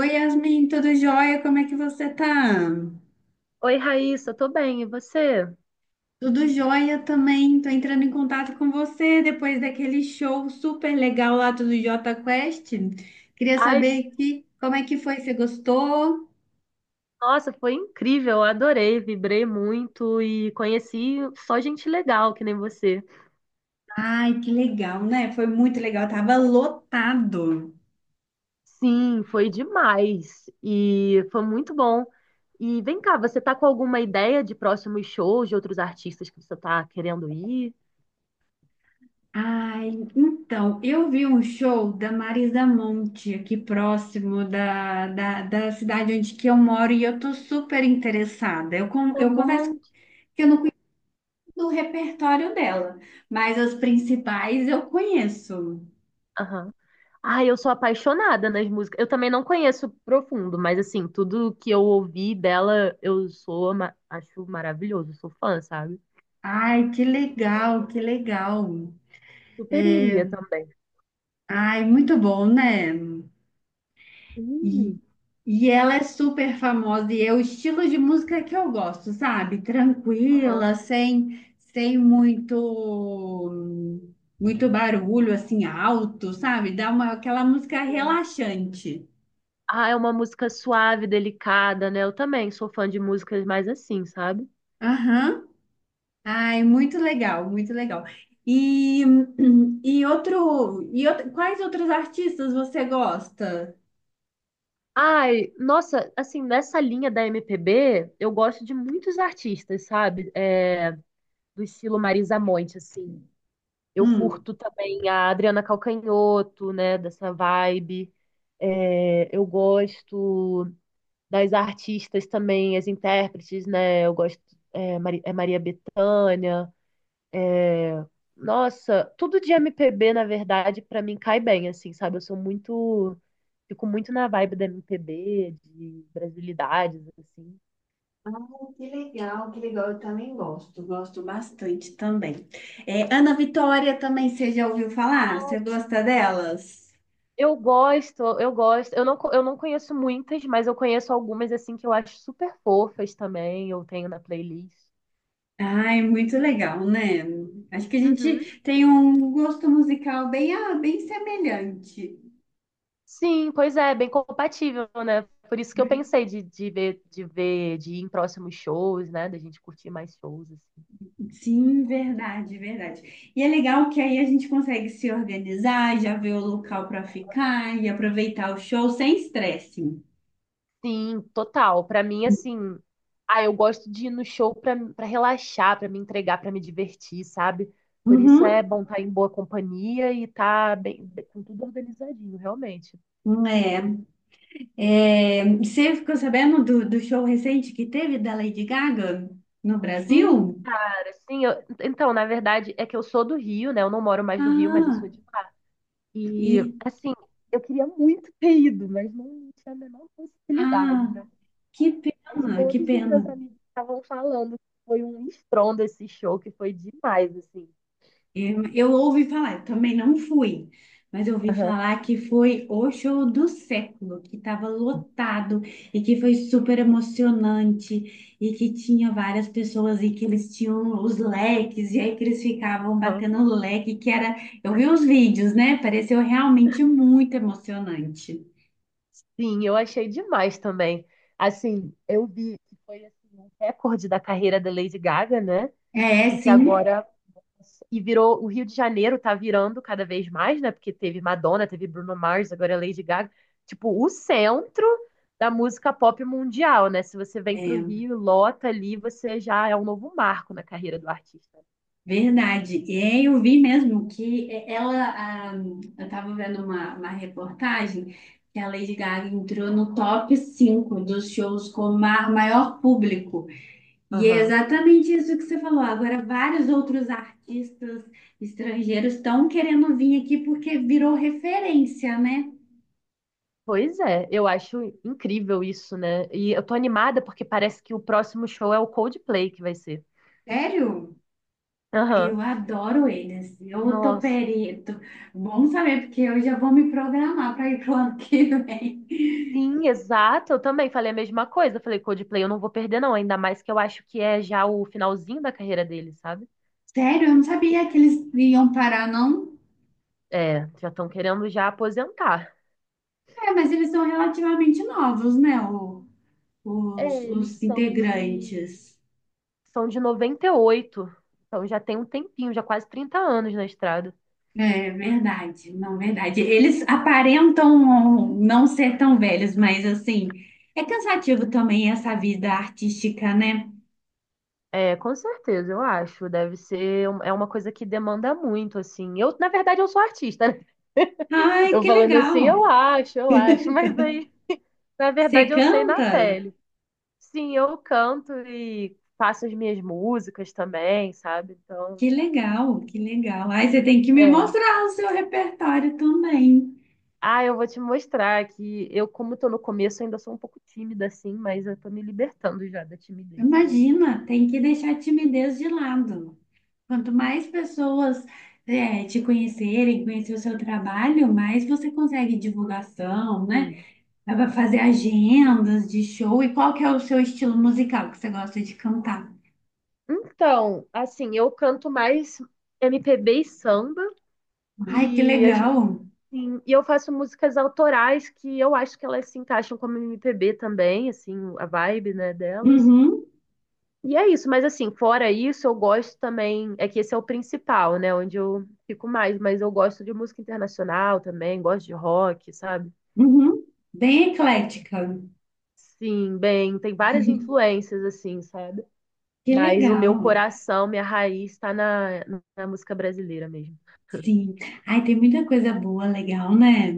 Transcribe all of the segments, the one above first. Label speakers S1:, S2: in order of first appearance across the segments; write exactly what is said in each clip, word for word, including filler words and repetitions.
S1: Oi, Yasmin, tudo jóia? Como é que você tá?
S2: Oi, Raíssa, tô bem, e você?
S1: Tudo jóia também. Tô entrando em contato com você depois daquele show super legal lá do Jota Quest. Queria
S2: Ai, s-
S1: saber que, como é que foi? Você gostou?
S2: Nossa, foi incrível, eu adorei, vibrei muito e conheci só gente legal, que nem você.
S1: Ai, que legal, né? Foi muito legal. Tava lotado.
S2: Sim, foi demais e foi muito bom. E vem cá, você tá com alguma ideia de próximos shows de outros artistas que você tá querendo ir?
S1: Ai, então, eu vi um show da Marisa Monte aqui próximo da, da, da cidade onde que eu moro e eu tô super interessada. Eu, con- eu
S2: Um
S1: converso
S2: monte.
S1: que eu não do repertório dela, mas as principais eu conheço.
S2: Aham. Ai, eu sou apaixonada nas músicas. Eu também não conheço profundo, mas assim, tudo que eu ouvi dela, eu sou, ma- acho maravilhoso, sou fã, sabe?
S1: Ai, que legal, que legal.
S2: Super
S1: É,
S2: iria também.
S1: ai, muito bom, né? E,
S2: Hum.
S1: e ela é super famosa e é o estilo de música que eu gosto, sabe?
S2: Aham.
S1: Tranquila, sem, sem muito, muito barulho, assim, alto, sabe? Dá uma, aquela música
S2: Sim.
S1: relaxante.
S2: Ah, é uma música suave, delicada, né? Eu também sou fã de músicas mais assim, sabe?
S1: Aham. Ai, muito legal, muito legal. E, e outro, e outro, quais outros artistas você gosta?
S2: Ai, nossa, assim, nessa linha da M P B, eu gosto de muitos artistas, sabe? É, do estilo Marisa Monte, assim. Eu
S1: Hum,
S2: curto também a Adriana Calcanhoto, né? Dessa vibe. É, eu gosto das artistas também, as intérpretes, né? Eu gosto, é, Mari- É Maria Bethânia. Nossa, tudo de M P B, na verdade, pra mim cai bem, assim, sabe? Eu sou muito. Fico muito na vibe da M P B, de brasilidades, assim.
S1: Pô, que legal, que legal. Eu também gosto, gosto bastante também. É, Ana Vitória também, você já ouviu falar? Você gosta delas?
S2: Eu gosto, eu gosto. Eu não, co- eu não conheço muitas, mas eu conheço algumas, assim, que eu acho super fofas também. Eu tenho na playlist.
S1: Ai, muito legal, né? Acho que a
S2: Uhum.
S1: gente tem um gosto musical bem, ah, bem semelhante.
S2: Sim, pois é, bem compatível, né? Por isso que eu pensei de, de ver, de ver, de ir em próximos shows, né? Da gente curtir mais shows, assim.
S1: Sim, verdade, verdade. E é legal que aí a gente consegue se organizar, já ver o local para ficar e aproveitar o show sem estresse.
S2: Sim, total. Pra mim, assim, ah, eu gosto de ir no show pra para relaxar, pra me entregar, pra me divertir, sabe? Por isso é
S1: Uhum.
S2: bom estar em boa companhia e tá bem, com tudo organizadinho, realmente.
S1: É, é, você ficou sabendo do, do show recente que teve da Lady Gaga no
S2: Sim,
S1: Brasil?
S2: cara, sim. Eu- então, na verdade, é que eu sou do Rio, né? Eu não moro mais no Rio, mas eu
S1: Ah,
S2: sou de lá. E,
S1: e
S2: assim, eu queria muito ter ido, mas não tinha a menor possibilidade,
S1: ah,
S2: né?
S1: que
S2: Mas
S1: pena, que
S2: todos os meus
S1: pena.
S2: amigos estavam falando que foi um estrondo esse show, que foi demais, assim.
S1: Eu, eu ouvi falar, eu também não fui, mas eu ouvi
S2: Aham.
S1: falar que foi o show do século, que estava lotado e que foi super emocionante e que tinha várias pessoas e que eles tinham os leques e aí que eles ficavam batendo o leque, que era, eu vi os vídeos, né? Pareceu realmente muito emocionante.
S2: Sim, eu achei demais também. Assim, eu vi que foi assim, um recorde da carreira da Lady Gaga, né? E
S1: É,
S2: que
S1: sim.
S2: agora e virou o Rio de Janeiro tá virando cada vez mais, né? Porque teve Madonna, teve Bruno Mars, agora é Lady Gaga, tipo o centro da música pop mundial, né? Se você vem pro
S1: É,
S2: Rio, e lota ali, você já é um novo marco na carreira do artista.
S1: verdade. E aí eu vi mesmo que eh, ela, ah, eu estava vendo uma, uma reportagem que a Lady Gaga entrou no top cinco dos shows com ma- maior público. E é
S2: Aham.
S1: exatamente isso que você falou. Agora, vários outros artistas estrangeiros estão querendo vir aqui porque virou referência, né?
S2: Pois é, eu acho incrível isso, né? E eu tô animada porque parece que o próximo show é o Coldplay que vai ser.
S1: Sério? Ai, eu
S2: Aham.
S1: adoro eles. Eu tô
S2: Nossa,
S1: perito. Bom saber, porque eu já vou me programar para ir pro ano que vem.
S2: sim, exato. Eu também falei a mesma coisa. Eu falei, Coldplay, eu não vou perder, não. Ainda mais que eu acho que é já o finalzinho da carreira dele, sabe?
S1: Sério, eu não sabia que eles iam parar, não.
S2: É, já estão querendo já aposentar.
S1: É, mas eles são relativamente novos, né? o- os,
S2: É, eles
S1: os
S2: são de,
S1: integrantes.
S2: são de noventa e oito. Então já tem um tempinho, já quase trinta anos na estrada.
S1: É verdade, não, verdade. Eles aparentam não ser tão velhos, mas assim, é cansativo também essa vida artística, né?
S2: É, com certeza, eu acho. Deve ser, um- é uma coisa que demanda muito, assim. Eu, na verdade, eu sou artista, né?
S1: Ai,
S2: Eu
S1: que
S2: falando
S1: legal!
S2: assim, eu acho, eu acho, mas aí, na
S1: Você
S2: verdade, eu sei na
S1: canta?
S2: pele. Sim, eu canto e faço as minhas músicas também, sabe? Então,
S1: Que legal, que legal. Ai, você tem que me
S2: é.
S1: mostrar o seu repertório também.
S2: Ah, eu vou te mostrar que eu, como tô no começo, ainda sou um pouco tímida, assim, mas eu tô me libertando já da timidez, sabe?
S1: Imagina, tem que deixar a timidez de lado. Quanto mais pessoas é, te conhecerem, conhecer o seu trabalho, mais você consegue divulgação, né?
S2: Sim.
S1: Dá pra fazer
S2: Sim.
S1: agendas de show. E qual que é o seu estilo musical que você gosta de cantar?
S2: Então, assim, eu canto mais M P B e samba,
S1: Ai, que
S2: e, a gen-
S1: legal!
S2: sim, e eu faço músicas autorais que eu acho que elas se encaixam como M P B também, assim, a vibe, né, delas.
S1: Uhum,
S2: E é isso, mas assim, fora isso, eu gosto também. É que esse é o principal, né? Onde eu fico mais, mas eu gosto de música internacional também, gosto de rock, sabe?
S1: uhum. Bem eclética.
S2: Sim, bem, tem várias influências, assim, sabe?
S1: Que
S2: Mas o meu
S1: legal.
S2: coração, minha raiz está na, na música brasileira mesmo.
S1: Sim. Ai, tem muita coisa boa, legal, né?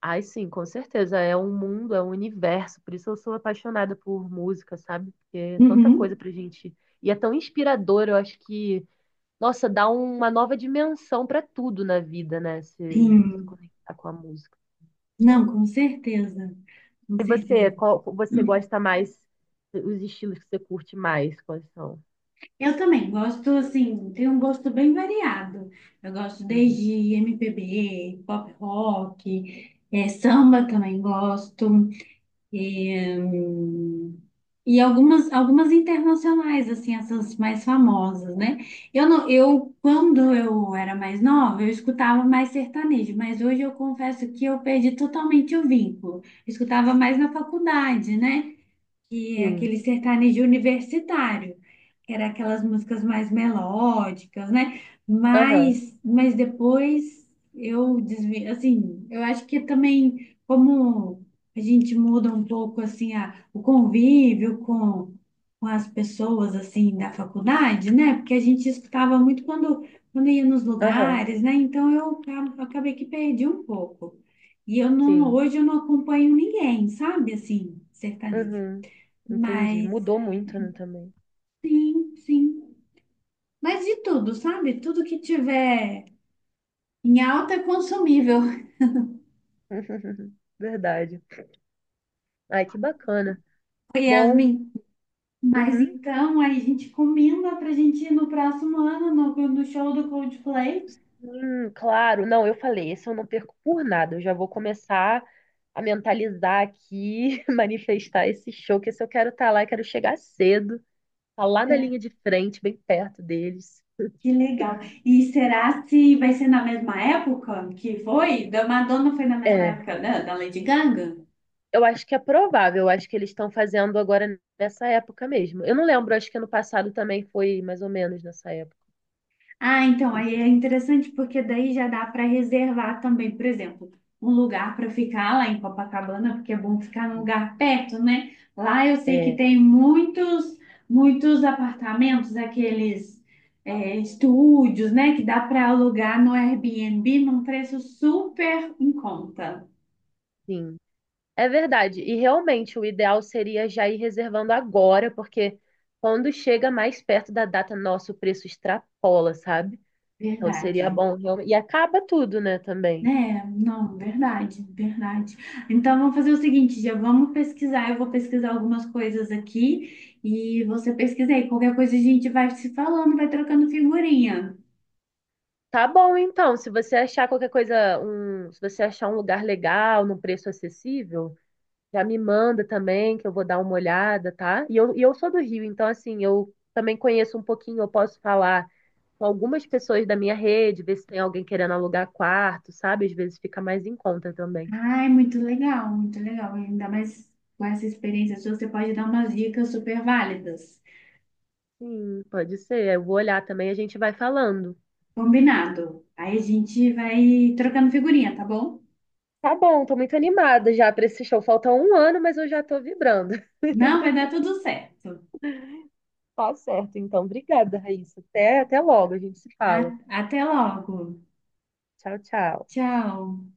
S2: Ai, sim, com certeza. É um mundo, é um universo. Por isso eu sou apaixonada por música, sabe? Porque é tanta coisa
S1: Uhum.
S2: pra gente. E é tão inspirador, eu acho que. Nossa, dá uma nova dimensão para tudo na vida, né? Se, se
S1: Sim.
S2: conectar com a música.
S1: Não, com certeza. Com
S2: E você,
S1: certeza.
S2: qual você gosta mais, os estilos que você curte mais, quais são?
S1: Eu também gosto, assim, tem um gosto bem variado. Eu gosto
S2: Uhum.
S1: desde M P B, pop rock, eh, samba também gosto. E, hum, e algumas, algumas internacionais, assim, essas mais famosas, né? Eu, não, eu, quando eu era mais nova, eu escutava mais sertanejo, mas hoje eu confesso que eu perdi totalmente o vínculo. Eu escutava mais na faculdade, né? Que é
S2: Sim.
S1: aquele sertanejo universitário, que era aquelas músicas mais melódicas, né?
S2: Aham,
S1: Mas, mas depois eu desvi, assim, eu acho que também como a gente muda um pouco assim a, o convívio com, com as pessoas assim da faculdade, né? Porque a gente escutava muito quando quando ia nos
S2: aham,
S1: lugares, né? Então eu acabo- acabei que perdi um pouco. E eu não,
S2: sim.
S1: hoje eu não acompanho ninguém, sabe? Assim, sertanejo.
S2: Uhum. Entendi.
S1: Mas
S2: Mudou muito, né, também.
S1: sim, sim. Mas de tudo, sabe? Tudo que tiver em alta é consumível,
S2: Verdade. Ai, que bacana. Bom,
S1: Yasmin. Mas
S2: uhum.
S1: então aí a gente combina pra gente ir no próximo ano no, no show do Coldplay.
S2: Hum, claro. Não, eu falei, esse eu não perco por nada. Eu já vou começar a mentalizar aqui, manifestar esse show, que esse eu quero estar lá, eu quero chegar cedo, tá lá na linha
S1: É,
S2: de frente, bem perto deles.
S1: que legal. E será se vai ser na mesma época que foi? Da Madonna foi na mesma
S2: É,
S1: época da, da Lady Gaga?
S2: eu acho que é provável, eu acho que eles estão fazendo agora nessa época mesmo. Eu não lembro, acho que ano passado também foi mais ou menos nessa época.
S1: Ah, então, aí
S2: Enfim.
S1: é interessante porque daí já dá para reservar também, por exemplo, um lugar para ficar lá em Copacabana, porque é bom ficar num lugar perto, né? Lá eu sei que
S2: É,
S1: tem muitos, muitos apartamentos, aqueles é, estúdios, né? Que dá para alugar no Airbnb num preço super em conta.
S2: sim. É verdade. E realmente o ideal seria já ir reservando agora, porque quando chega mais perto da data, nosso preço extrapola, sabe? Então seria
S1: Verdade.
S2: bom realmente. E acaba tudo, né, também.
S1: É, não, verdade, verdade. Então vamos fazer o seguinte, já vamos pesquisar. Eu vou pesquisar algumas coisas aqui e você pesquisa aí. Qualquer coisa a gente vai se falando, vai trocando figurinha.
S2: Tá bom, então. Se você achar qualquer coisa, um, se você achar um lugar legal, num preço acessível, já me manda também, que eu vou dar uma olhada, tá? E eu, e eu sou do Rio, então assim, eu também conheço um pouquinho, eu posso falar com algumas pessoas da minha rede, ver se tem alguém querendo alugar quarto, sabe? Às vezes fica mais em conta também.
S1: Ai, muito legal, muito legal. Ainda mais com essa experiência sua, você pode dar umas dicas super válidas.
S2: Sim, pode ser. Eu vou olhar também, a gente vai falando.
S1: Combinado. Aí a gente vai trocando figurinha, tá bom?
S2: Tá bom, tô muito animada já pra esse show. Falta um ano, mas eu já tô vibrando.
S1: Não, vai dar tudo certo.
S2: Tá certo, então. Obrigada, Raíssa. Até, até logo, a gente se fala.
S1: A- até logo.
S2: Tchau, tchau.
S1: Tchau.